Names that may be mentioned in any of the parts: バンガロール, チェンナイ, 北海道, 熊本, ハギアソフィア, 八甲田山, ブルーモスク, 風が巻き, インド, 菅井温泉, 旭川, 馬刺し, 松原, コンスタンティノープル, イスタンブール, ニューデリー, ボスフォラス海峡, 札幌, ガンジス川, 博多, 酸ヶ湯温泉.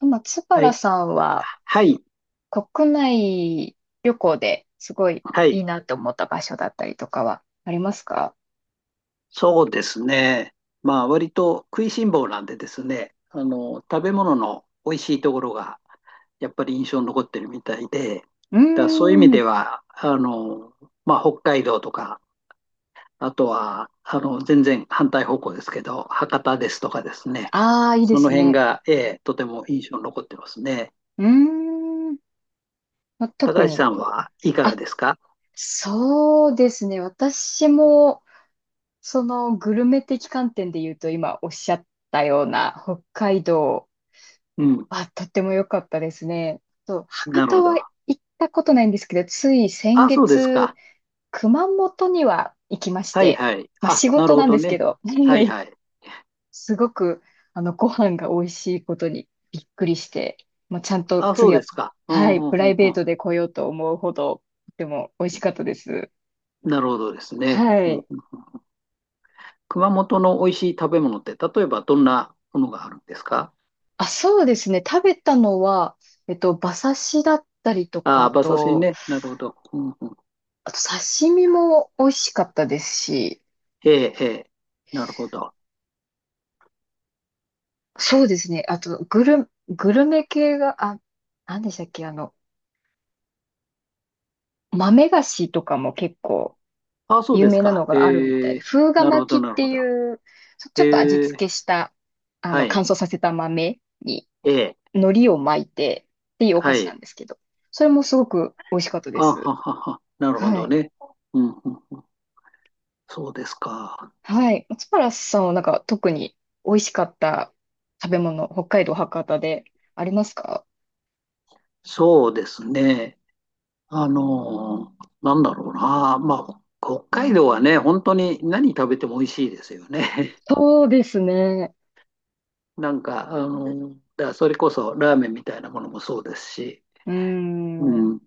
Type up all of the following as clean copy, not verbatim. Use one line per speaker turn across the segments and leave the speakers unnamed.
松
は
原
い。
さんは
はい。
国内旅行ですごい
は
い
い。
いなと思った場所だったりとかはありますか？
そうですね。まあ、割と食いしん坊なんでですね、食べ物の美味しいところが、やっぱり印象に残ってるみたいで、だか
うー
らそういう意味
ん。
では、まあ、北海道とか、あとは、全然反対方向ですけど、博多ですとかですね、
ああ、いいで
その
す
辺
ね。
が、ええ、とても印象に残ってますね。
うーん。ま特
高橋
に、
さんはいかが
あ、
ですか？
そうですね。私も、そのグルメ的観点で言うと、今おっしゃったような北海道
うん。
はとっても良かったですね。そう、
な
博
る
多
ほ
は
ど。
行ったことないんですけど、つい先
あ、そうです
月、
か。
熊本には行きまし
はい
て、
はい。
まあ
あ、
仕
なる
事
ほ
なんで
ど
すけ
ね。
ど、
はい はい。
すごく、ご飯が美味しいことにびっくりして、もうちゃんと
あ、そう
次
で
は、
すか。う
は
ん、う
い、
ん、
プ
う
ラ
ん、
イベート
う
で来ようと思うほど、とても美味しかったです。
ん。なるほどですね。
は
うん、
い。
熊本の美味しい食べ物って、例えばどんなものがあるんですか？
あ、そうですね。食べたのは、馬刺しだったりとか、
あ、
あ
馬刺し
と、
ね。なるほど。うん、うん。
あと刺身も美味しかったですし、
ええ、ええ。なるほど。
そうですね。あと、グルメ系が、あ、何でしたっけ、豆菓子とかも結構
あ、そう
有
です
名な
か。
のがあるみたい
え
で、
え、
風が
なるほど、
巻きっ
なる
て
ほど。
いう、ちょっと味
ええ、
付けした、
は
乾
い。
燥させた豆に
ええ、
海苔を巻いてっていうお菓
は
子な
い。
んですけど、それもすごく美味しかったで
あ、は
す。
はは。なるほ
は
ど
い。
ね。うん、うん。そうですか。
はい。松原さんはなんか特に美味しかった食べ物、北海道博多でありますか？
そうですね。なんだろうな。まあ、北海道はね、本当に何食べても美味しいですよね。
そうですね。
なんか、だからそれこそラーメンみたいなものもそうですし、
うー
う
ん。う
ん、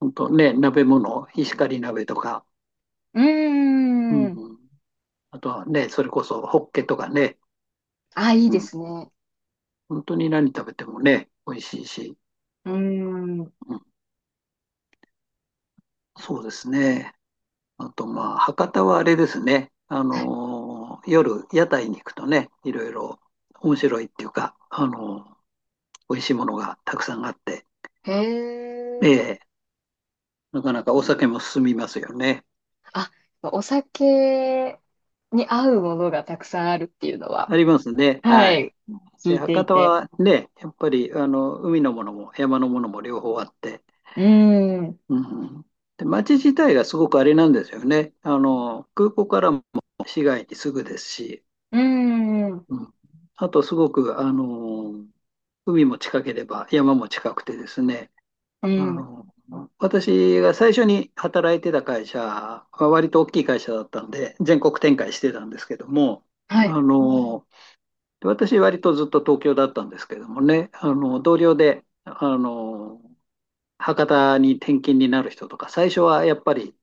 本当ね、鍋物、石狩鍋とか、
ー
う
ん。
ん、あとはね、それこそホッケとかね、
あ、いい
う
で
ん、
すね。
本当に何食べてもね、美味しいし、
うーん。
うん、そうですね。あと、まあ、博多はあれですね。夜、屋台に行くとね、いろいろ面白いっていうか、美味しいものがたくさんあって、
へえ。
ええ、なかなかお酒も進みますよね。
あ、お酒に合うものがたくさんあるっていうのは、
ありますね。
は
はい。
い、聞
で、
いて
博
い
多
て。
はね、やっぱり、海のものも山のものも両方あって、
うーん、う
うん。で、街自体がすごくあれなんですよね。空港からも市街にすぐですし、
ーん、う
うん、あとすごく、海も近ければ山も近くてですね、
ー
あ
ん、
の、私が最初に働いてた会社は割と大きい会社だったんで、全国展開してたんですけども、
はい、
あの、私割とずっと東京だったんですけどもね、同僚で、博多に転勤になる人とか、最初はやっぱり、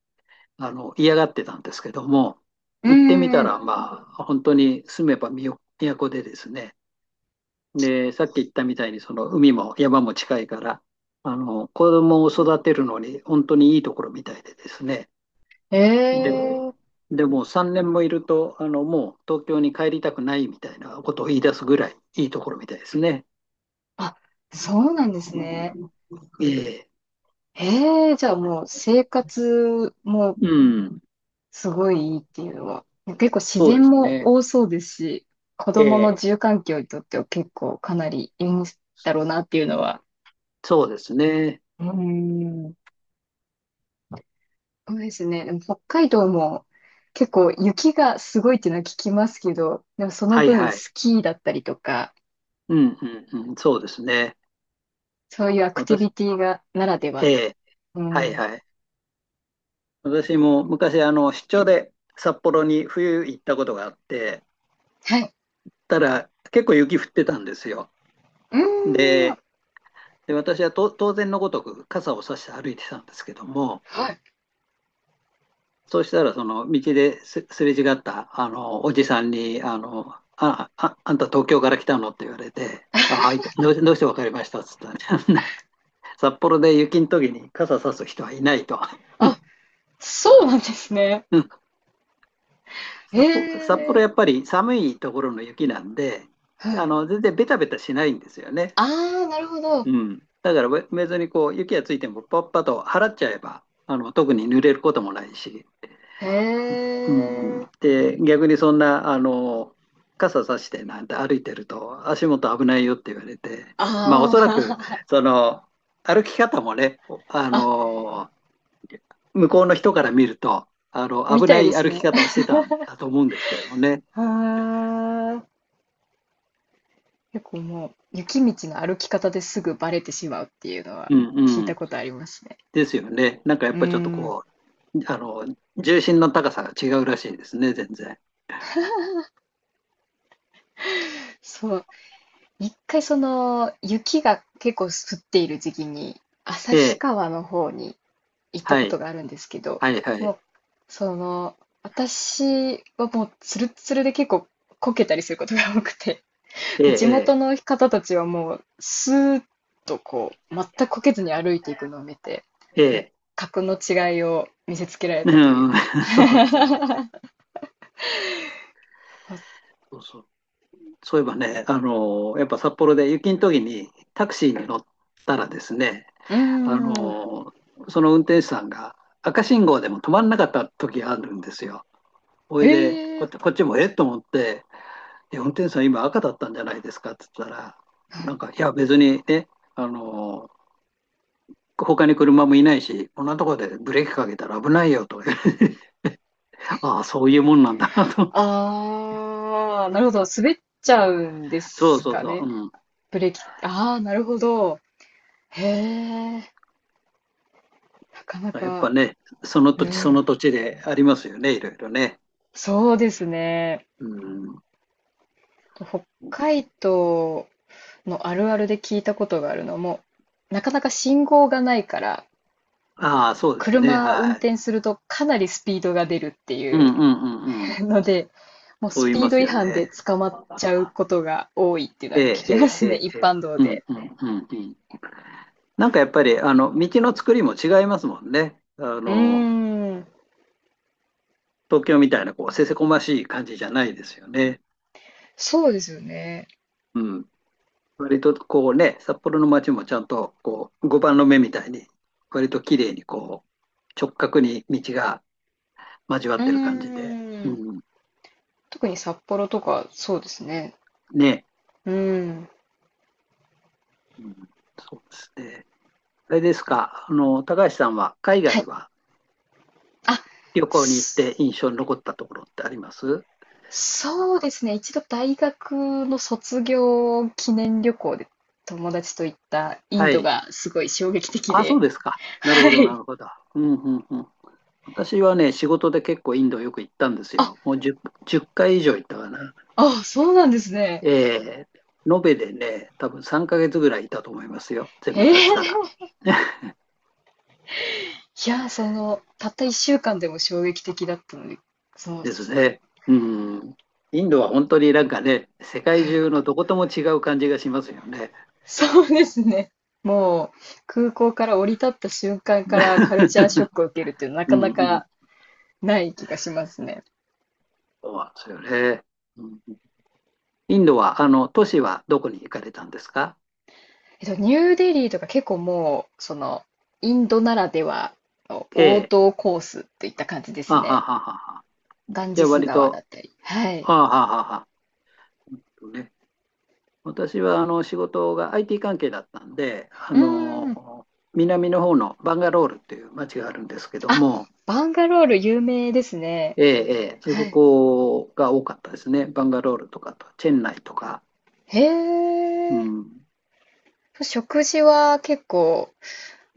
嫌がってたんですけども、
うー
行ってみた
ん、
ら、まあ、本当に住めば都でですね、で、さっき言ったみたいに、その海も山も近いから、子供を育てるのに本当にいいところみたいでですね。
え
で、
えー、
でも3年もいると、もう東京に帰りたくないみたいなことを言い出すぐらいいいところみたいですね。
あ、そうなんですね。
ええ、
ええー、じゃあもう生活も
うん、
すごいいいっていうのは、結構自
そうで
然
す
も
ね。
多そうですし、子
え
供の
え、
自由環境にとっては結構かなりいいんだろうなっていうのは。
そうですね。
うーん、そうですね。でも北海道も結構雪がすごいっていうのは聞きますけど、でもその
はい
分
はい。
スキーだったりとか、
うんうんうん、そうですね。
そういうアクティ
私、
ビティがならでは
え
で。
え、
う
はい
ん。は
はい。私も昔、出張で札幌に冬行ったことがあって、
い。
たら結構雪降ってたんですよ。
うーん。
で、で私はと当然のごとく傘を差して歩いてたんですけども、
はい。
そうしたらその道ですすれ違ったあのおじさんに、あんた東京から来たのって言われて、あ、はい、どうして分かりましたっつったら、札幌で雪の時に傘差す人はいないと。
あ、そうなんですね。へ
札幌
え。
やっぱり寒いところの雪なんで、
はい。
全然ベタベタしないんですよね。
ああ、なるほど。
うん。だから別にこう、雪がついてもパッパッと払っちゃえば、特に濡れることもないし。
へ
うん。
え。
で、逆にそんな、傘さしてなんて歩いてると足元危ないよって言われて、まあお
あ
そらく、
あ、
その、歩き方もね、あ
あ、
の、向こうの人から見ると、
み
危
た
な
いで
い
す
歩き
ね。
方をしてたんだと思うんですけどもね。
はあ。結構もう雪道の歩き方ですぐバレてしまうっていうのは
うん
聞い
う
た
ん。
ことありますね。
ですよね。なんかや
うー
っぱちょっと
ん、
こう、重心の高さが違うらしいですね、全然。
そう、一回その雪が結構降っている時期に
え
旭
え、
川の方に行った
は
こと
い、
があるんですけど、
はい、は
も
い。
うその私はもうツルッツルで結構こけたりすることが多くて、
え
で地元
え、
の方たちはもうスーッとこう全くこけずに歩いていくのを見て、
ええ、え
もう
え。
格の違いを見せつけられ
う
たという
ん、
か。
そうですね。そうそう。そういえばね、やっぱ札幌で雪の時にタクシーに乗ったらですね、
うー
あ
ん、
の、その運転手さんが赤信号でも止まんなかった時あるんですよ。ほ
へ
いで、こっ
え。
ち、こっちもえっと思って、え、運転手さん今赤だったんじゃないですかって言ったら、なんか、いや別にね、あの、他に車もいないし、こんなところでブレーキかけたら危ないよとか言われて、ああ、そういうもんなんだなと思って。
ああ、なるほど。滑っちゃうんで
そう
す
そう
か
そう。
ね。
うん。
ブレーキ。ああ、なるほど。へえ、なかな
やっ
か。
ぱね、その土
う
地その
ん。
土地でありますよね、いろいろね。
そうですね。
うん。
北海道のあるあるで聞いたことがあるのも、なかなか信号がないから、
ああ、そうですね。
車運
はい。
転するとかなりスピードが出るってい
うんう
う
んうんう ん。
ので、もう
そう
ス
言い
ピー
ま
ド
す
違
よ
反
ね。
で捕まっちゃうことが多いっていうの
え
は聞
え、え
きま
え、
す
え
ね、
え。
一
ええ、
般道
うん
で。
うんうんうん。なんかやっぱり、道の作りも違いますもんね。
うーん。
東京みたいな、こう、せせこましい感じじゃないですよね。
そうですよね。
うん。割とこうね、札幌の街もちゃんとこう碁盤の目みたいに、割と綺麗にこう直角に道が交わ
う
っ
ー
てる感じで、
ん。
うん、
特に札幌とか、そうですね。
ね、
うーん。
うん、そうですね。あれですか、高橋さんは海
は
外
い。
は
あ、
旅行に行っ
そ
て印象に残ったところってあります？
そうですね。一度大学の卒業記念旅行で友達と行ったイン
は
ド
い。
がすごい衝撃的
あ、そう
で。
ですか。なる
は
ほど、な
い。
るほど。うんうんうん。私はね、仕事で結構インドよく行ったんです
あ、
よ。もう 10回以上行ったかな。
あ、そうなんですね。
え延べでね、多分3ヶ月ぐらいいたと思いますよ。全
へ
部足したら。
え。いや、たった一週間でも衝撃的だったので、その、
ですね。うん。インドは本当になんかね、世界中のどことも違う感じがしますよね。
そうですね。もう、空港から降り立った瞬間からカルチャーショ ックを受けるっていうのはな
う
か
ん
な
うん。
かない気がしますね。
そうなんですよね。うん、インドは、都市はどこに行かれたんですか？
えっと、ニューデリーとか結構もう、その、インドならではの王
A
道コースといった感じで
あ
す
はは
ね。
はは。
ガン
じ
ジ
ゃあ
ス
割
川だ
と、
ったり。はい。
あはははは。ね、私はあの仕事が IT 関係だったんで、
うーん。
南の方のバンガロールっていう町があるんですけど
あ、
も、
バンガロール有名ですね。
ええ、ええ、
は
そ
い。
こが多かったですね。バンガロールとかと、チェンナイとか。
へ
う
え。
ん、
食事は結構、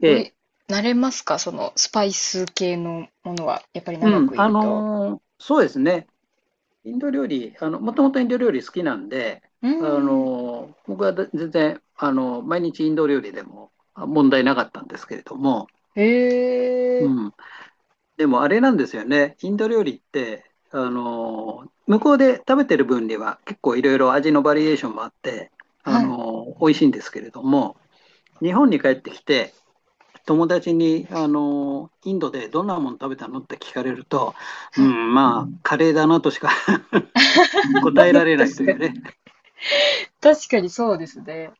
え
おい、
え、
慣れますか、そのスパイス系のものは、やっぱり長
うん、
くい
あ
ると。
のそうですね。インド料理、もともとインド料理好きなんで、
うー
あ
ん。
の僕は全然、あの毎日インド料理でもあ問題なかったんですけれども、
へえ。
うん。でもあれなんですよね。インド料理って、あの向こうで食べてる分には結構いろいろ味のバリエーションもあって、あ
はい。
の美味しいんですけれども、日本に帰ってきて、友達に、あのインドでどんなもの食べたのって聞かれると、う
はい。
ん、まあ、カレーだなとしか
ま
答
あ、
え
ま
ら
あ
れない
確
と
か
い
に。
うね。
確かにそうですね。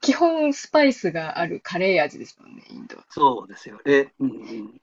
基本スパイスがあるカレー味ですもんね、インド。
そうですよね。うんうん。